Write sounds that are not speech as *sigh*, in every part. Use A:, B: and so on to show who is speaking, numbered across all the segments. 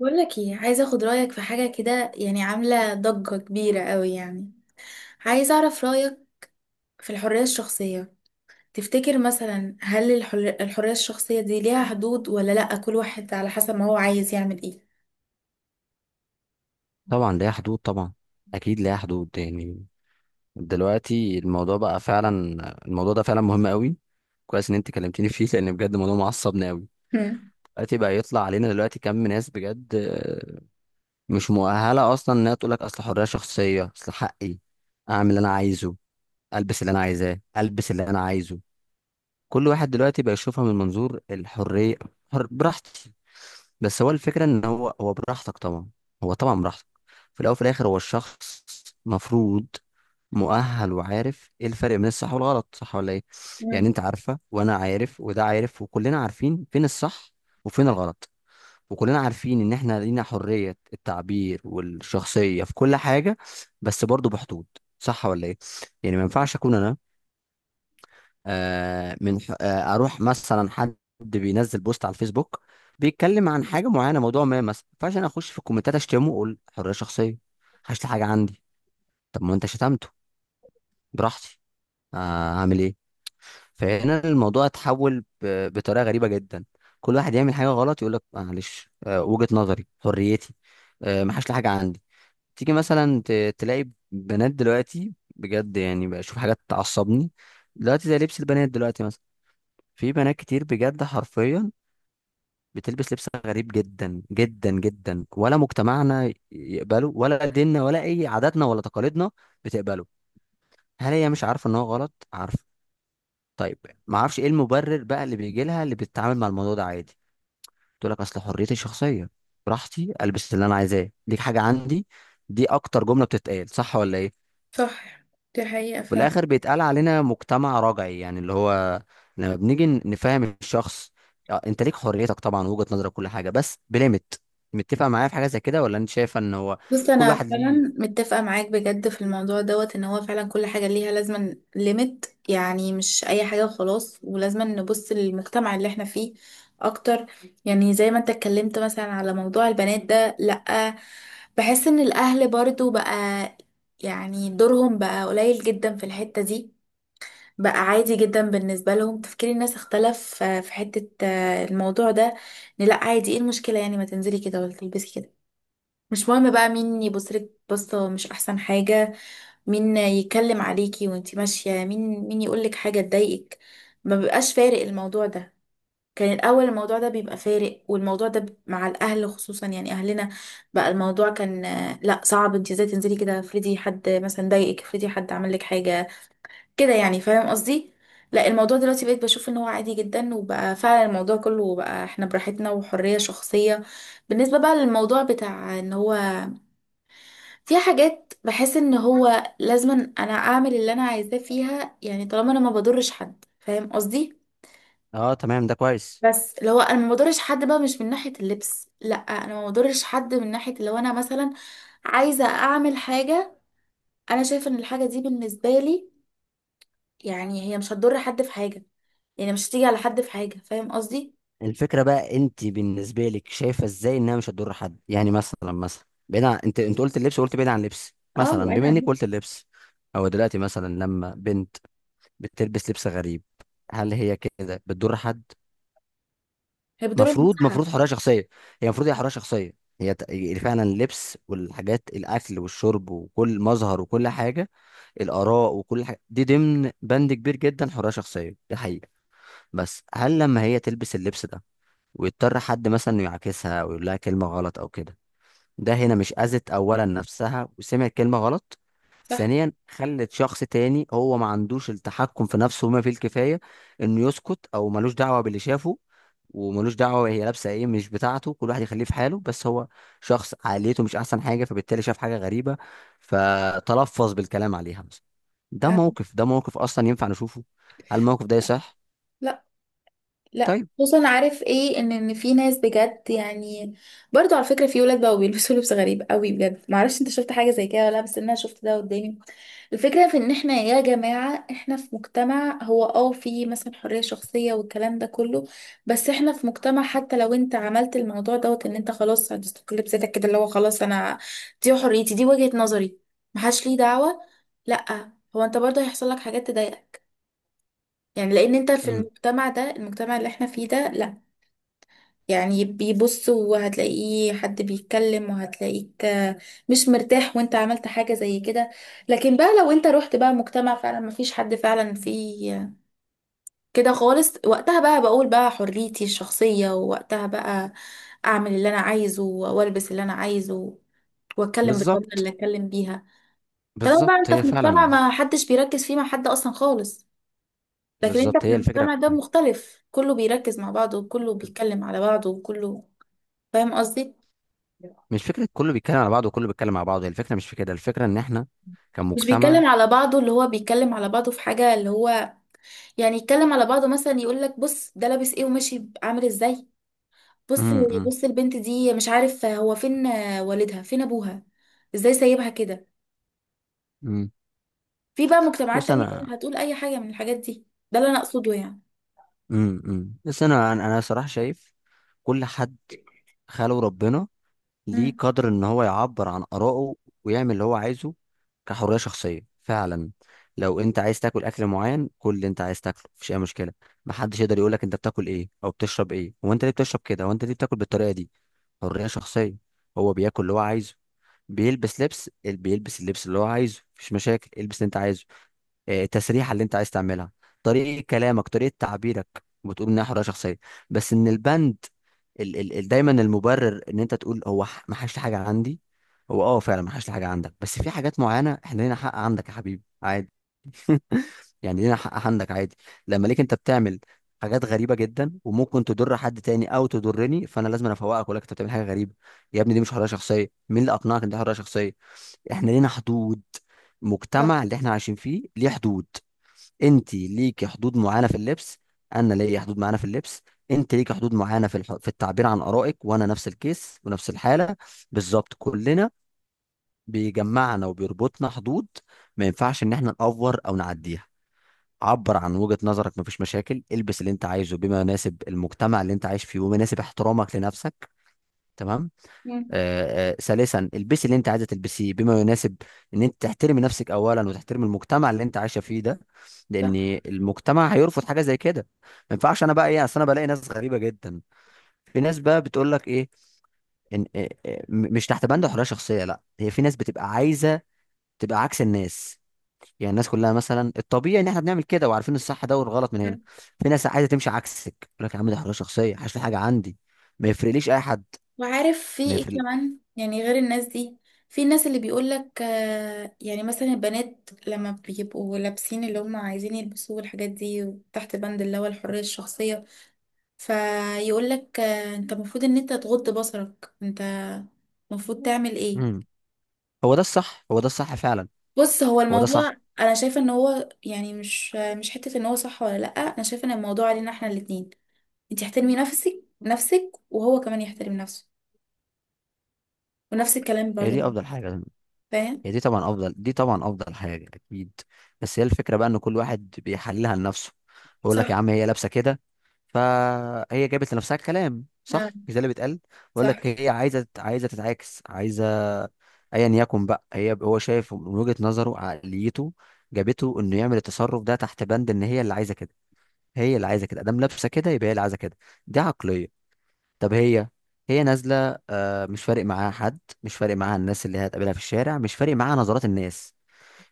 A: بقول لك ايه، عايزه اخد رايك في حاجه كده، يعني عامله ضجه كبيره قوي. يعني عايزه اعرف رايك في الحريه الشخصيه. تفتكر مثلا، هل الحريه الشخصيه دي ليها حدود ولا لا، كل واحد على حسب ما هو عايز يعمل ايه؟
B: طبعا ليها حدود، طبعا اكيد ليها حدود. يعني دلوقتي الموضوع بقى فعلا، الموضوع ده فعلا مهم قوي. كويس ان انت كلمتيني فيه لان بجد الموضوع معصبني قوي.
A: مم.
B: دلوقتي بقى يطلع علينا دلوقتي كم ناس بجد، مش مؤهله اصلا انها تقول لك اصل حريه شخصيه، اصل حقي اعمل اللي انا عايزه، البس اللي انا عايزاه، البس اللي انا عايزه. كل واحد دلوقتي بقى يشوفها من منظور الحرية، حر براحتي. بس هو الفكرة ان هو براحتك طبعا، هو طبعا براحتك. في الاول وفي الاخر هو الشخص مفروض مؤهل وعارف ايه الفرق بين الصح والغلط، صح ولا ايه؟ يعني
A: مم.
B: انت عارفة وانا عارف وده عارف وكلنا عارفين فين الصح وفين الغلط، وكلنا عارفين ان احنا لينا حرية التعبير والشخصية في كل حاجة، بس برضو بحدود، صح ولا ايه؟ يعني ما ينفعش اكون انا، آه، من ح- آه، اروح مثلا حد بينزل بوست على الفيسبوك بيتكلم عن حاجه معينه، موضوع ما مثلا، فعشان اخش في الكومنتات اشتمه واقول حريه شخصيه، هشتم حاجه عندي. طب ما انت شتمته براحتي، هعمل ايه؟ فهنا الموضوع اتحول بطريقه غريبه جدا. كل واحد يعمل حاجه غلط يقول لك معلش، وجهه نظري، حريتي، ما حاش لي حاجه عندي. تيجي مثلا تلاقي بنات دلوقتي بجد، يعني بشوف حاجات تعصبني. دلوقتي زي لبس البنات دلوقتي مثلا، في بنات كتير بجد حرفيا بتلبس لبس غريب جدا جدا جدا، ولا مجتمعنا يقبله ولا ديننا ولا اي عاداتنا ولا تقاليدنا بتقبله. هل هي مش عارفه ان هو غلط؟ عارفه. طيب، ما اعرفش ايه المبرر بقى اللي بيجي لها اللي بتتعامل مع الموضوع ده عادي، تقول لك اصل حريتي الشخصيه، براحتي البس اللي انا عايزاه، دي حاجه عندي. دي اكتر جمله بتتقال، صح ولا ايه؟
A: صح، دي حقيقه.
B: بالاخر بيتقال علينا مجتمع رجعي، يعني اللي هو لما بنيجي نفهم الشخص، انت ليك حريتك طبعا، وجهة نظرك، كل حاجه، بس بليمت. متفق معايا في حاجه زي كده ولا انت شايفه ان هو
A: بص،
B: كل
A: انا
B: واحد ليه؟
A: فعلا متفقه معاك بجد في الموضوع دوت، ان هو فعلا كل حاجه ليها لازما ليميت، يعني مش اي حاجه وخلاص، ولازما نبص للمجتمع اللي احنا فيه اكتر. يعني زي ما انت اتكلمت مثلا على موضوع البنات ده، لا، بحس ان الاهل برضو بقى، يعني دورهم بقى قليل جدا في الحته دي. بقى عادي جدا بالنسبه لهم، تفكير الناس اختلف، في حته، الموضوع ده إن لا عادي، ايه المشكله يعني ما تنزلي كده ولا تلبسي كده، مش مهم بقى مين يبصلك بصة، مش أحسن حاجة مين يتكلم عليكي وانتي ماشية، مين مين يقولك حاجة تضايقك، ما بيبقاش فارق الموضوع ده. كان الأول الموضوع ده بيبقى فارق، والموضوع ده مع الأهل خصوصا، يعني أهلنا بقى الموضوع كان، لا صعب انتي ازاي تنزلي كده، افرضي حد مثلا ضايقك، افرضي حد عمل لك حاجة كده، يعني فاهم قصدي. لا الموضوع دلوقتي بقيت بشوف ان هو عادي جدا، وبقى فعلا الموضوع كله بقى احنا براحتنا وحرية شخصية. بالنسبة بقى للموضوع بتاع ان هو، في حاجات بحس ان هو لازما انا اعمل اللي انا عايزاه فيها، يعني طالما انا ما بضرش حد فاهم قصدي.
B: اه تمام، ده كويس.
A: بس اللي هو انا ما بضرش حد بقى مش من ناحية اللبس، لا انا ما بضرش حد من ناحية لو انا مثلا عايزة اعمل حاجة، انا شايفة ان الحاجة دي بالنسبة لي يعني هي مش هتضر حد في حاجة، يعني مش هتيجي على حد في حاجة فاهم قصدي.
B: الفكره بقى انت بالنسبه لك شايفه ازاي انها مش هتضر حد؟ يعني مثلا، بعيد عن، انت قلت اللبس، وقلت بعيد عن اللبس،
A: اه
B: مثلا
A: بعيد
B: بما
A: عن
B: انك
A: اللبس.
B: قلت اللبس او دلوقتي مثلا لما بنت بتلبس لبس غريب، هل هي كده بتضر حد؟
A: هي بتضر
B: مفروض، مفروض
A: المساحة.
B: حريه شخصيه، هي المفروض هي حريه شخصيه. هي فعلا اللبس والحاجات، الاكل والشرب وكل مظهر وكل حاجه، الاراء وكل حاجه دي ضمن بند كبير جدا، حريه شخصيه، دي حقيقه. بس هل لما هي تلبس اللبس ده ويضطر حد مثلا إنه يعاكسها او يقول لها كلمه غلط او كده، ده هنا مش اذت اولا نفسها وسمعت كلمه غلط؟
A: صح.
B: ثانيا خلت شخص تاني هو ما عندوش التحكم في نفسه وما فيه الكفايه انه يسكت او ملوش دعوه باللي شافه، وملوش دعوه هي لابسه ايه، مش بتاعته، كل واحد يخليه في حاله، بس هو شخص عقليته مش احسن حاجه، فبالتالي شاف حاجه غريبه فتلفظ بالكلام عليها مثلا. ده
A: يعني
B: موقف، ده موقف اصلا ينفع نشوفه؟ هل الموقف ده
A: صح.
B: يصح؟
A: لا. لا
B: طيب.
A: خصوصا، عارف ايه، ان في ناس بجد يعني. برضو على فكره، في ولاد بقوا بيلبسوا لبس غريب قوي بجد، معرفش انت شفت حاجه زي كده ولا لا، بس انا شفت ده قدامي. الفكره في ان احنا يا جماعه احنا في مجتمع، هو اه في مثلا حريه شخصيه والكلام ده كله، بس احنا في مجتمع، حتى لو انت عملت الموضوع دوت ان انت خلاص هتستقل بذاتك كده اللي هو خلاص انا، دي حريتي دي وجهه نظري، محدش ليه دعوه، لا هو انت برضه هيحصل لك حاجات تضايقك. يعني لان انت في
B: مم.
A: المجتمع ده، المجتمع اللي احنا فيه ده لا، يعني بيبص، وهتلاقيه حد بيتكلم، وهتلاقيك مش مرتاح، وانت عملت حاجة زي كده. لكن بقى لو انت رحت بقى مجتمع فعلا مفيش حد فعلا فيه كده خالص، وقتها بقى بقول بقى حريتي الشخصية، ووقتها بقى اعمل اللي انا عايزه، والبس اللي انا عايزه، واتكلم بالطريقة اللي
B: بالظبط،
A: اتكلم بيها. طالما
B: بالظبط
A: بقى انت
B: هي
A: في مجتمع
B: فعلا.
A: ما حدش بيركز فيه مع حد اصلا خالص، لكن انت
B: بالظبط
A: في
B: هي الفكره.
A: المجتمع ده مختلف، كله بيركز مع بعضه، وكله بيتكلم على بعضه، وكله فاهم قصدي.
B: مش فكره كله بيتكلم على بعضه وكله بيتكلم على بعضه، هي الفكره مش في كده، الفكره ان احنا
A: مش
B: كمجتمع.
A: بيتكلم على بعضه اللي هو بيتكلم على بعضه في حاجة، اللي هو يعني يتكلم على بعضه، مثلا يقول لك بص ده لابس ايه وماشي عامل ازاي، بص
B: امم امم
A: بص البنت دي مش عارف هو فين والدها، فين ابوها، ازاي سايبها كده.
B: أمم.
A: في بقى مجتمعات
B: بس
A: تانية
B: انا.
A: هتقول اي حاجة من الحاجات دي، ده اللي انا اقصده يعني.
B: بس انا انا أنا صراحه شايف كل حد خاله ربنا ليه
A: امم.
B: قدر ان هو يعبر عن آرائه ويعمل اللي هو عايزه كحرية شخصية فعلا. لو انت عايز تاكل اكل معين، كل اللي انت عايز تاكله مفيش اي مشكلة. محدش يقدر يقولك انت بتاكل ايه او بتشرب ايه، هو انت ليه بتشرب كده، هو انت ليه بتاكل بالطريقة دي؟ حرية شخصية، هو بياكل اللي هو عايزه، بيلبس اللبس اللي هو عايزه، مفيش مشاكل، البس اللي انت عايزه، التسريحه اللي انت عايز تعملها، طريقه كلامك، طريقه تعبيرك، بتقول انها حريه شخصيه. بس ان البند، ال ال ال دايما المبرر ان انت تقول هو ما حاش حاجه عندي. هو اه فعلا ما حاش حاجه عندك، بس في حاجات معينه احنا لينا حق عندك يا حبيبي عادي. *laughs* يعني لينا حق عندك عادي. لما ليك انت بتعمل حاجات غريبه جدا وممكن تضر حد تاني او تضرني، فانا لازم أنا افوقك ولا انت بتعمل حاجه غريبه. يا ابني دي مش حريه شخصيه، مين اللي اقنعك ان دي حريه شخصيه؟ احنا لينا حدود،
A: صح.
B: مجتمع اللي احنا عايشين فيه ليه حدود. انت ليكي حدود معينه في اللبس، انا ليا حدود معينه في اللبس، انت ليكي حدود معينه في في التعبير عن ارائك، وانا نفس الكيس ونفس الحاله. بالظبط كلنا بيجمعنا وبيربطنا حدود، ما ينفعش ان احنا نأفور او نعديها. عبر عن وجهة نظرك، مفيش مشاكل، البس اللي انت عايزه بما يناسب المجتمع اللي انت عايش فيه وما يناسب احترامك لنفسك. تمام.
A: امم.
B: ثالثا البسي اللي انت عايزه تلبسيه بما يناسب ان انت تحترمي نفسك اولا وتحترمي المجتمع اللي انت عايشه فيه ده. لان المجتمع هيرفض حاجه زي كده. ما ينفعش انا بقى ايه، اصل انا بلاقي ناس غريبه جدا، في ناس بقى بتقول لك ايه؟ ان إيه- إيه، م- مش تحت بند حريه شخصيه، لا هي في ناس بتبقى عايزه تبقى عكس الناس. يعني الناس كلها مثلا الطبيعي ان احنا بنعمل كده وعارفين الصح ده والغلط من
A: صح.
B: هنا، في ناس عايزه تمشي عكسك، يقول لك يا عم ده حريه شخصيه، حاش في حاجه عندي، ما يفرقليش اي حد،
A: وعارف في
B: ما
A: ايه
B: يفرق.
A: كمان يعني غير الناس دي، في الناس اللي بيقولك يعني مثلا البنات لما بيبقوا لابسين اللي هم عايزين يلبسوه والحاجات دي تحت بند اللي هو الحرية الشخصية، فيقولك انت المفروض ان انت تغض بصرك، انت المفروض تعمل ايه.
B: مم. هو ده الصح، هو ده الصح فعلا.
A: بص هو
B: هو ده صح،
A: الموضوع انا شايفة ان هو، يعني مش حتة ان هو صح ولا لأ، انا شايفة ان الموضوع علينا احنا الاتنين، انت احترمي نفسك، وهو كمان يحترم نفسه، ونفس الكلام
B: هي
A: برضه
B: دي افضل حاجه.
A: فاهم.
B: هي دي طبعا افضل، دي طبعا افضل حاجه اكيد. بس هي الفكره بقى ان كل واحد بيحللها لنفسه، بيقول لك
A: صح.
B: يا عم هي لابسه كده فهي جابت لنفسها الكلام،
A: آه.
B: صح؟ مش ده اللي بيتقال؟ بيقول
A: صح.
B: لك هي عايزه تتعاكس، عايزه ايا يكن بقى، هي هو شايف من وجهه نظره عقليته جابته انه يعمل التصرف ده تحت بند ان هي اللي عايزه كده، هي اللي عايزه كده، ادام لابسه كده يبقى هي اللي عايزه كده. دي عقليه. طب هي نازله، مش فارق معاها حد، مش فارق معاها الناس اللي هتقابلها في الشارع، مش فارق معاها نظرات الناس،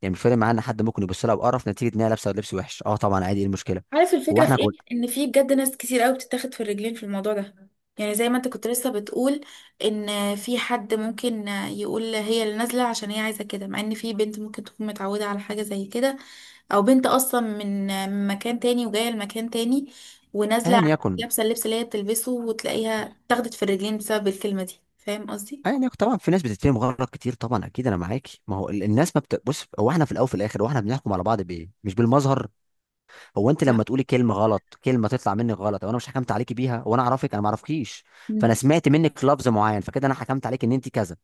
B: يعني مش فارق معاها ان حد ممكن يبص لها بقرف نتيجه ان هي لابسه لبس وحش، اه طبعا عادي ايه المشكله.
A: عارف
B: هو
A: الفكرة
B: احنا
A: في ايه،
B: كل
A: ان في بجد ناس كتير قوي بتتاخد في الرجلين في الموضوع ده. يعني زي ما انت كنت لسه بتقول، ان في حد ممكن يقول هي اللي نازلة عشان هي عايزة كده، مع ان في بنت ممكن تكون متعودة على حاجة زي كده، او بنت اصلا من مكان تاني وجاية لمكان تاني،
B: ايا
A: ونازلة
B: يكن
A: لابسة اللبس اللي هي بتلبسه، وتلاقيها اتاخدت في الرجلين بسبب الكلمة دي، فاهم قصدي؟
B: ايا يكن طبعا في ناس بتتفهم غلط كتير طبعا اكيد، انا معاكي. ما هو ال- الناس ما بت... بص هو احنا في الاول وفي الاخر هو احنا بنحكم على بعض بايه، مش بالمظهر. هو انت
A: صح.
B: لما تقولي كلمه غلط، كلمه تطلع منك غلط او انا مش حكمت عليكي بيها وانا اعرفك، انا ما اعرفكيش، فانا
A: مم.
B: سمعت منك لفظ معين، فكده انا حكمت عليك ان انت كذا.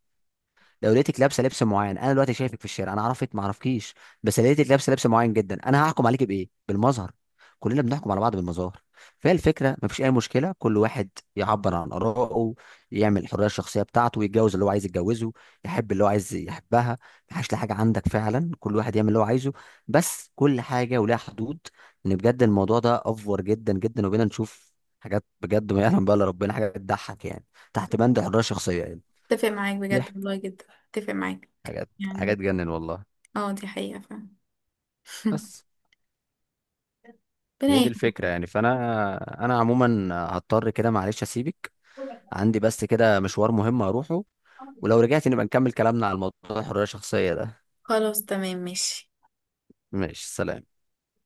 B: لو لقيتك لابسه لبس معين، انا دلوقتي شايفك في الشارع انا عرفت ما عرفكيش، بس لقيتك لابسه لبس معين جدا، انا هحكم عليك بايه؟ بالمظهر. كلنا بنحكم على بعض بالمظاهر. فهي الفكره ما فيش اي مشكله، كل واحد يعبر عن ارائه، يعمل الحريه الشخصيه بتاعته، يتجوز اللي هو عايز يتجوزه، يحب اللي هو عايز يحبها، ما حاجه عندك فعلا، كل واحد يعمل اللي هو عايزه، بس كل حاجه ولها حدود. ان بجد الموضوع ده افور جدا جدا، وبينا نشوف حاجات بجد ما يعلم بقى الا ربنا، حاجه بتضحك يعني تحت بند الحريه الشخصيه يعني.
A: اتفق معاك بجد
B: ضحك
A: والله جدا، اتفق معاك
B: حاجات حاجات
A: يعني.
B: تجنن والله.
A: اه دي حقيقة فعلا. *laughs*
B: بس
A: ربنا
B: هي دي
A: يهديك.
B: الفكرة يعني، فأنا عموما هضطر كده معلش أسيبك، عندي بس كده مشوار مهم أروحه، ولو رجعت نبقى نكمل كلامنا على الموضوع الحرية الشخصية ده.
A: خلاص تمام ماشي.
B: ماشي سلام.